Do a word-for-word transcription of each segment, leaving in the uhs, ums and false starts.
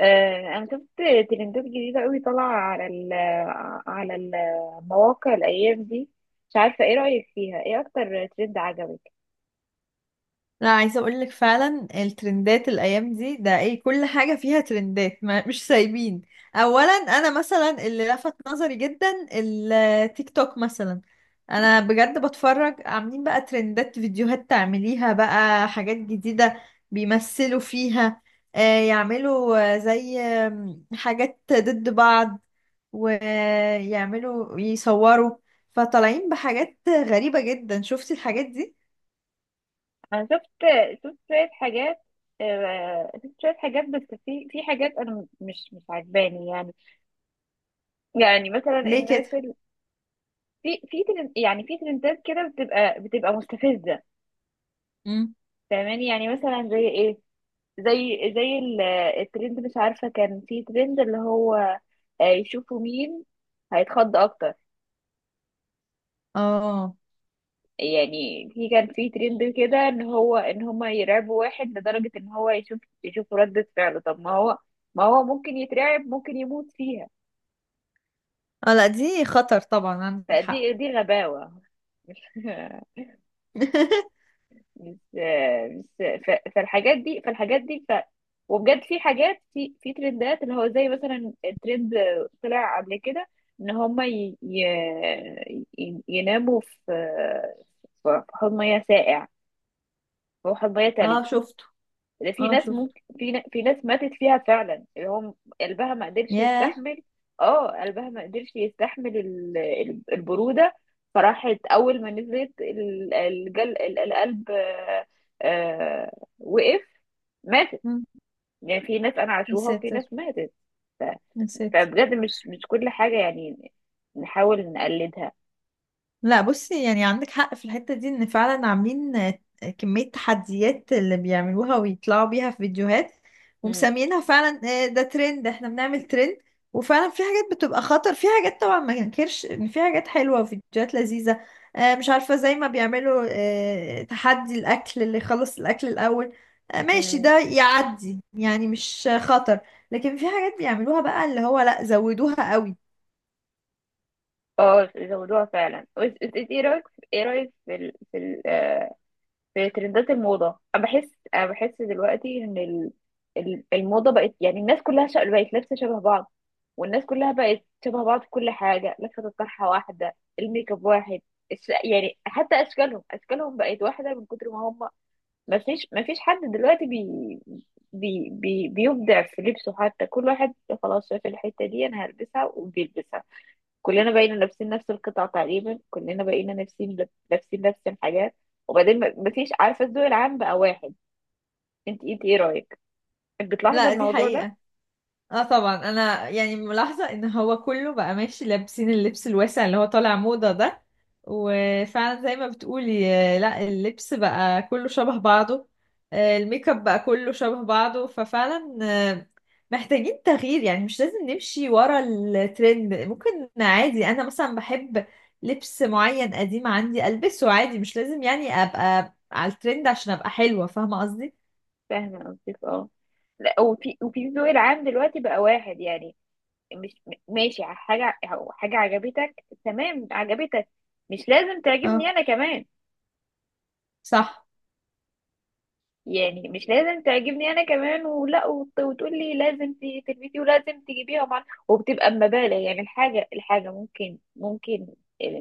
آه، انا شفت ترندات جديده قوي طالعه على ال على المواقع الايام دي. مش عارفه ايه رايك فيها، ايه اكتر ترند عجبك؟ لا، عايزه اقول لك فعلا الترندات الايام دي ده ايه، كل حاجه فيها ترندات. ما مش سايبين. اولا انا مثلا اللي لفت نظري جدا التيك توك مثلا. انا بجد بتفرج، عاملين بقى ترندات فيديوهات تعمليها بقى حاجات جديده بيمثلوا فيها. آه، يعملوا، آه، زي آم، حاجات ضد بعض، ويعملوا يصوروا. فطالعين بحاجات غريبه جدا. شفتي الحاجات دي؟ انا شفت، شفت شويه حاجات آه، شفت شويه حاجات، بس في في حاجات انا مش مش عجباني يعني. يعني مثلا ليه كده؟ الناس ال... في في ترند، يعني في ترندات كده بتبقى بتبقى مستفزه، فاهماني؟ يعني مثلا زي ايه؟ زي زي ال- الترند، مش عارفه، كان في ترند اللي هو آه، يشوفوا مين هيتخض اكتر. اه، يعني في كان في ترند كده ان هو ان هما يرعبوا واحد لدرجة ان هو يشوف، يشوف ردة فعله. طب ما هو، ما هو ممكن يترعب، ممكن يموت فيها. اه، لا دي خطر طبعا، عندك حق. فدي دي غباوة. مش مش ف- فالحاجات دي، فالحاجات دي ف وبجد في حاجات، في في ترندات اللي هو زي مثلا الترند طلع قبل كده، ان هما ي... ي... ي- يناموا في، في حوض مياه ساقع، هو حوض مياه اه تلج. شفته. ده في اه ناس، شفته. ممكن في ن- في ناس ماتت فيها فعلا، اللي هم قلبها ما قدرش ياه. يستحمل. اه، قلبها ما قدرش يستحمل ال- ال- البرودة. فراحت اول ما نزلت ال- الجل، ال- القلب آه، آه، وقف، ماتت. مم. يعني في ناس انا يا عاشوها، وفي ساتر، ناس ماتت. ف- يا ساتر. فبجد مش، مش كل حاجة يعني نحاول نقلدها. لا بصي، يعني عندك حق في الحتة دي، ان فعلا عاملين آه، كمية تحديات اللي بيعملوها ويطلعوا بيها في فيديوهات، مم. ومسميينها فعلا آه، ده ترند، احنا بنعمل ترند. وفعلا في حاجات بتبقى خطر، في حاجات طبعا ما ننكرش ان في حاجات حلوة وفيديوهات لذيذة. آه، مش عارفة، زي ما بيعملوا آه، تحدي الاكل، اللي يخلص الاكل الاول. آه، ماشي، مم. ده يعدي، يعني مش آه، خطر. لكن في حاجات بيعملوها بقى اللي هو لا، زودوها قوي. اه، زودوها فعلا. بس- بس انت ايه رايك؟ ايه رايك في ال... في ال... آه، في ترندات الموضة؟ أنا بحس، أنا بحس دلوقتي إن ال- ال- الموضة بقت، يعني الناس كلها شا- بقت لابسة شبه بعض، والناس كلها بقت شبه بعض في كل حاجة، لفة الطرحة واحدة، الميك اب واحد، الش... يعني حتى أشكالهم، أشكالهم بقت واحدة من كتر ما هم، ما فيش ما فيش حد دلوقتي بي... بي... بي... بيبدع في لبسه. حتى كل واحد خلاص شاف الحتة دي، أنا هلبسها وبيلبسها، كلنا بقينا لابسين نفس القطع تقريبا، كلنا بقينا لابسين لابسين نفس الحاجات. وبعدين ما- مفيش، عارفه، الذوق العام بقى واحد. انت انت ايه رايك؟ بتلاحظي لا دي الموضوع ده؟ حقيقة. اه طبعا، انا يعني ملاحظة ان هو كله بقى ماشي لابسين اللبس الواسع اللي هو طالع موضة ده. وفعلا زي ما بتقولي، آه، لا اللبس بقى كله شبه بعضه. آه، الميك اب بقى كله شبه بعضه، ففعلا آه، محتاجين تغيير. يعني مش لازم نمشي ورا الترند، ممكن عادي انا مثلا بحب لبس معين قديم عندي البسه عادي. مش لازم يعني ابقى على الترند عشان ابقى حلوة. فاهمة قصدي؟ فاهمه قصدك اه. لا، وفي وفي الذوق العام دلوقتي بقى واحد. يعني مش م- ماشي، حاجه، حاجه عجبتك، تمام عجبتك، مش لازم تعجبني اه، انا كمان. صح. يعني مش لازم تعجبني انا كمان، ولا وت- وتقول لي لازم ت- تلبسي ولازم تجيبيها مع، وبتبقى بمبالغ. يعني الحاجه، الحاجه ممكن، ممكن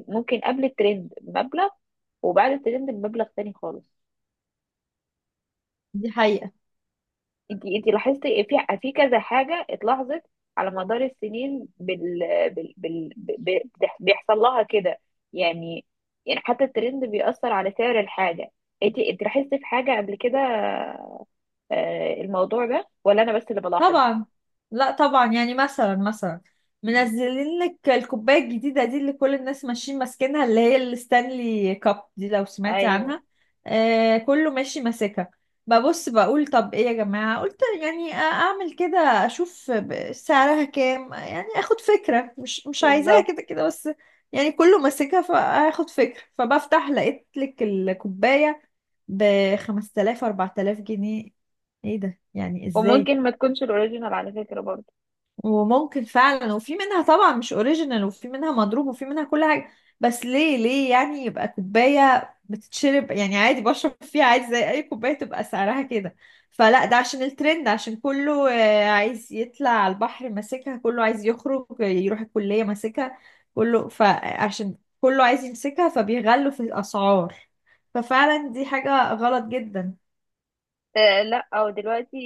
ممكن قبل الترند بمبلغ، وبعد الترند بمبلغ تاني خالص. دي حقيقة انتي انتي لاحظتي في في كذا حاجه اتلاحظت على مدار السنين بال بال بال ب- بتح- بيحصل لها كده؟ يعني يعني حتى الترند بيأثر على سعر الحاجه. انتي انتي لاحظتي في حاجه قبل كده، آه، الموضوع ده؟ ولا انا بس اللي بلاحظ؟ طبعا. لا طبعا، يعني مثلا مثلا مم. منزلين لك الكوبايه الجديده دي اللي كل الناس ماشيين ماسكينها، اللي هي الستانلي كاب دي، لو سمعتي ايوه، عنها. آه، كله ماشي ماسكها. ببص بقول طب ايه يا جماعه، قلت يعني اعمل كده، اشوف ب- سعرها كام، يعني اخد فكره، مش مش عايزاها بالظبط. كده كده، بس يعني كله ماسكها فاخد فكره. فبفتح لقيت لك الكوبايه ب خمسة آلاف أربعة آلاف جنيه. ايه ده؟ يعني ازاي؟ وممكن ما تكونش الاوريجينال على فكره برضه. وممكن فعلا، وفي منها طبعا مش اوريجينال، وفي منها مضروب، وفي منها كل حاجة. بس ليه، ليه يعني يبقى كوباية بتتشرب، يعني عادي بشرب فيها عادي زي اي كوباية تبقى سعرها كده؟ فلا، ده عشان الترند، عشان كله آه، عايز يطلع على البحر ماسكها، كله عايز يخرج يروح الكلية ماسكها، كله، فعشان كله عايز يمسكها فبيغلوا في الأسعار. ففعلا دي حاجة غلط جدا. آه لا، او دلوقتي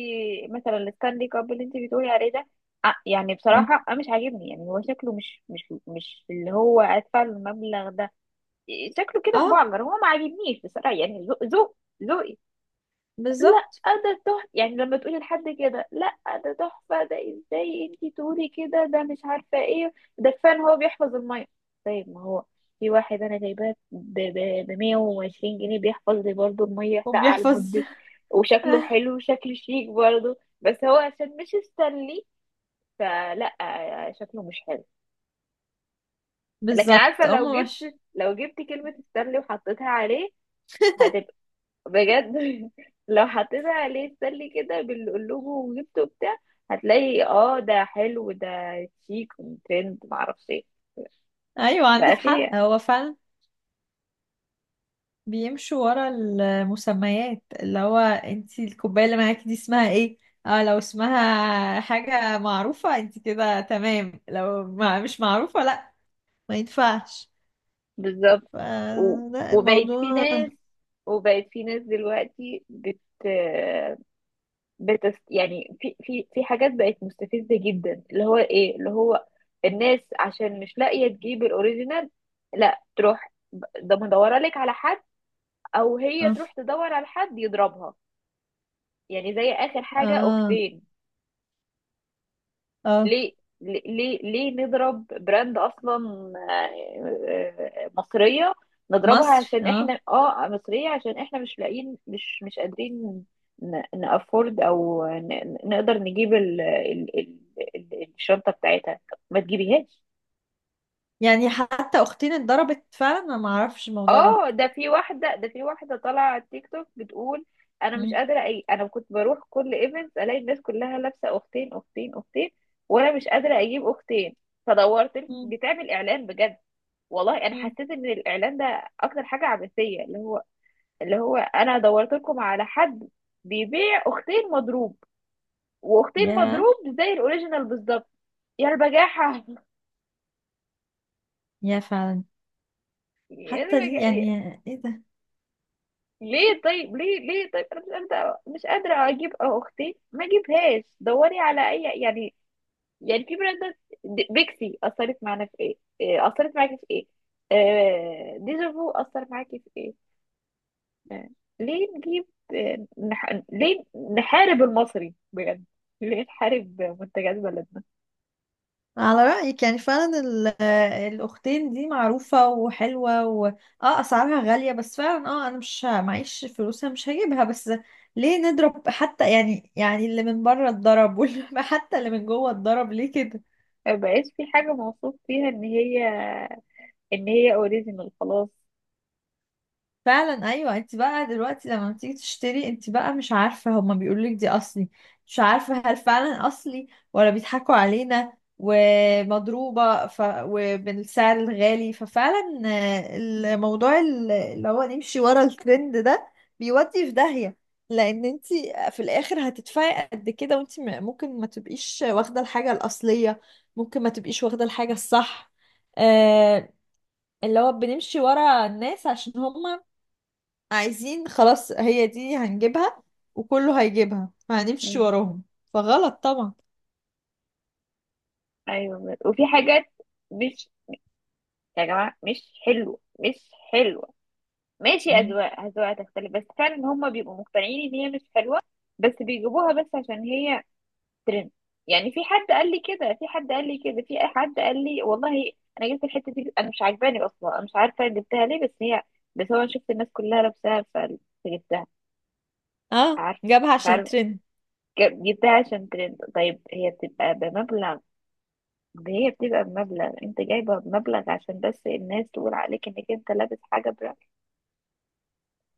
مثلا الستانلي كاب اللي انت بتقولي عليه ده، آه يعني اه، بصراحه انا مش عاجبني. يعني هو شكله مش مش مش اللي هو ادفع له المبلغ ده. شكله كده آه، مبعجر، هو ما عاجبنيش بصراحه. يعني ذوق، ذوق ذوقي. لا، بالظبط. ده تحفة، يعني لما تقولي لحد كده لا، ده تحفة، ده ازاي انتي تقولي كده؟ ده مش عارفة ايه ده. كفاية ان هو بيحفظ المية؟ طيب ما هو في واحد انا جايباه ب مية وعشرين جنيه، بيحفظ لي برضه المية ساقعة وبيحفظ. لمدة، وشكله حلو، وشكله شيك برضه، بس هو عشان مش استنلي فلا، شكله مش حلو. لكن بالظبط. عارفة، هم لو جبت، مش. لو جبت كلمة استنلي وحطيتها عليه، بجد، لو حطيت عليه السلي كده بالقلوب وجبته وبتاع، هتلاقي اه ده حلو، ده شيك وترند معرفش ايه. ايوه بقى عندك حق، فيه، هو فعلا بيمشوا ورا المسميات. اللي هو، انتي الكوبايه اللي معاكي دي اسمها ايه؟ اه، لو اسمها حاجه معروفه انتي كده تمام، لو ما مش معروفه لا، ما ينفعش. بالظبط. ف- و... لا، وبقت في الموضوع، ناس، وبقت في ناس دلوقتي بت بتس... يعني في في في حاجات بقت مستفزة جدا، اللي هو ايه، اللي هو الناس عشان مش لاقية تجيب الاوريجينال، لا تروح، ب- ده مدورة لك على حد، او هي اه، تروح تدور على حد يضربها. يعني زي آخر حاجة اه، أختين. اه، ليه، ليه ليه ليه نضرب براند أصلا آه، آه، مصرية؟ نضربها مصري، عشان اه. احنا اه مصرية، عشان احنا مش لاقيين، مش مش قادرين نأفورد، أو ن- ن- نقدر نجيب ال ال ال ال الشنطة بتاعتها. ما تجيبيهاش. يعني حتى اختين اتضربت فعلا، انا ما اعرفش الموضوع ده. اه، ده في واحدة، ده في واحدة طالعة على التيك توك بتقول انا مش مم، قادرة اي، انا كنت بروح كل ايفنت الاقي الناس كلها لابسة اختين، اختين اختين، وانا مش قادرة اجيب اختين. فدورت ال- مم، بتعمل اعلان بجد، والله انا مم. حسيت ان الاعلان ده اكتر حاجة عبثية، اللي هو، اللي هو انا دورت لكم على حد بيبيع اختين مضروب، واختين يا مضروب زي الاوريجينال بالظبط. يا البجاحة. يا فعلا. يا حتى دي يعني. البجاحة. ايه ده؟ ليه؟ طيب ليه، ليه طيب انا مش قادره، مش قادره اجيب اختي، ما اجيبهاش. دوري على اي يعني. يعني في براندات، د- بيكسي اثرت معانا في ايه؟ إيه، اثرت معاكي في ايه؟ آه، ديجافو اثر معاكي في ايه؟ آه، ليه نجيب؟ آه، نح... ليه نحارب المصري بجد؟ ليه نحارب منتجات بلدنا؟ على رأيك، يعني فعلا ال- الأختين دي معروفة وحلوة، و اه أسعارها غالية، بس فعلا اه أنا مش ه- معيش فلوسها، مش هجيبها. بس ليه نضرب حتى يعني يعني اللي من بره اتضرب واللي حتى اللي من جوه اتضرب ليه كده؟ ما بقاش في حاجه موصوف فيها ان هي، ان هي اوريجينال، خلاص. فعلا، ايوه. انت بقى دلوقتي لما بتيجي تشتري، انت بقى مش عارفه، هما بيقولوا لك دي اصلي، مش عارفه هل فعلا اصلي ولا بيضحكوا علينا ومضروبه ف... وبالسعر الغالي. ففعلا آه، الموضوع ال- اللي هو نمشي ورا الترند ده، بيودي في داهيه. لان انت في الاخر هتدفعي قد كده وانت م- ممكن ما تبقيش واخده الحاجه الاصليه، ممكن ما تبقيش واخده الحاجه الصح. آه، اللي هو بنمشي ورا الناس عشان هم عايزين خلاص هي دي هنجيبها، وكله هيجيبها فهنمشي مم. وراهم. فغلط طبعا. ايوه، وفي حاجات مش، يا جماعه مش حلوه، مش حلوه. ماشي مم. أذواق، أذواق تختلف، بس فعلا هما بيبقوا مقتنعين إن هي مش حلوة، بس بيجيبوها بس عشان هي ترند. يعني في حد قال لي كده، في حد قال لي كده في حد قال لي والله أنا جبت الحتة دي، أنا مش عاجباني أصلا، أنا مش عارفة جبتها ليه، بس هي، بس هو، أنا شفت الناس كلها لابساها فجبتها. اه، عارفة، جابها مش عشان عارفة. ترند. جب- جبتها عشان ترند. طيب هي بتبقى بمبلغ، هي بتبقى بمبلغ أنت جايبها بمبلغ عشان بس الناس تقول عليك إنك أنت لابس حاجة براند.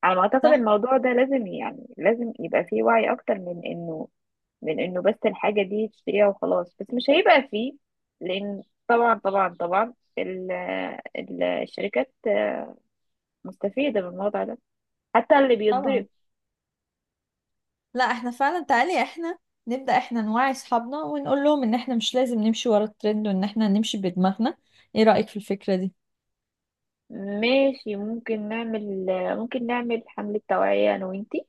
على ما اعتقد صح الموضوع ده لازم، يعني لازم يبقى فيه وعي اكتر من انه، من انه بس الحاجة دي تشتريها وخلاص. بس مش هيبقى فيه، لان، طبعا، طبعا طبعا ال- ال- الشركات مستفيدة من الموضوع ده، حتى اللي بيتضرب. طبعا. لا احنا فعلا، تعالي احنا نبدأ احنا نوعي اصحابنا ونقول لهم ان احنا مش لازم نمشي ورا الترند، وان احنا نمشي بدماغنا. ايه رأيك في الفكرة دي؟ ماشي، ممكن نعمل، ممكن نعمل حملة توعية أنا وإنتي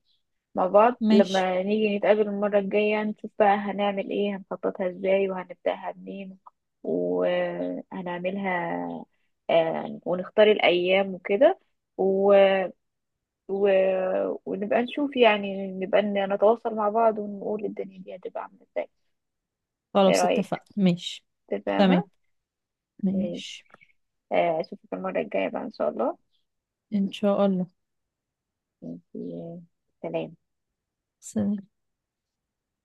مع بعض، ماشي. لما نيجي نتقابل المرة الجاية يعني، نشوف بقى هنعمل إيه، هنخططها إزاي، وهنبدأها منين، وهنعملها. آه، ونختار الأيام وكده، و... و... ونبقى نشوف، يعني نبقى نتواصل مع بعض ونقول الدنيا دي هتبقى عاملة إزاي. إيه خلاص رأيك؟ اتفقنا. ماشي. تمام. تمام؟ ماشي. ماشي. آه، أشوفك المرة الجاية بقى إن شاء الله. ان شاء الله. ماشي. سلام. سلام.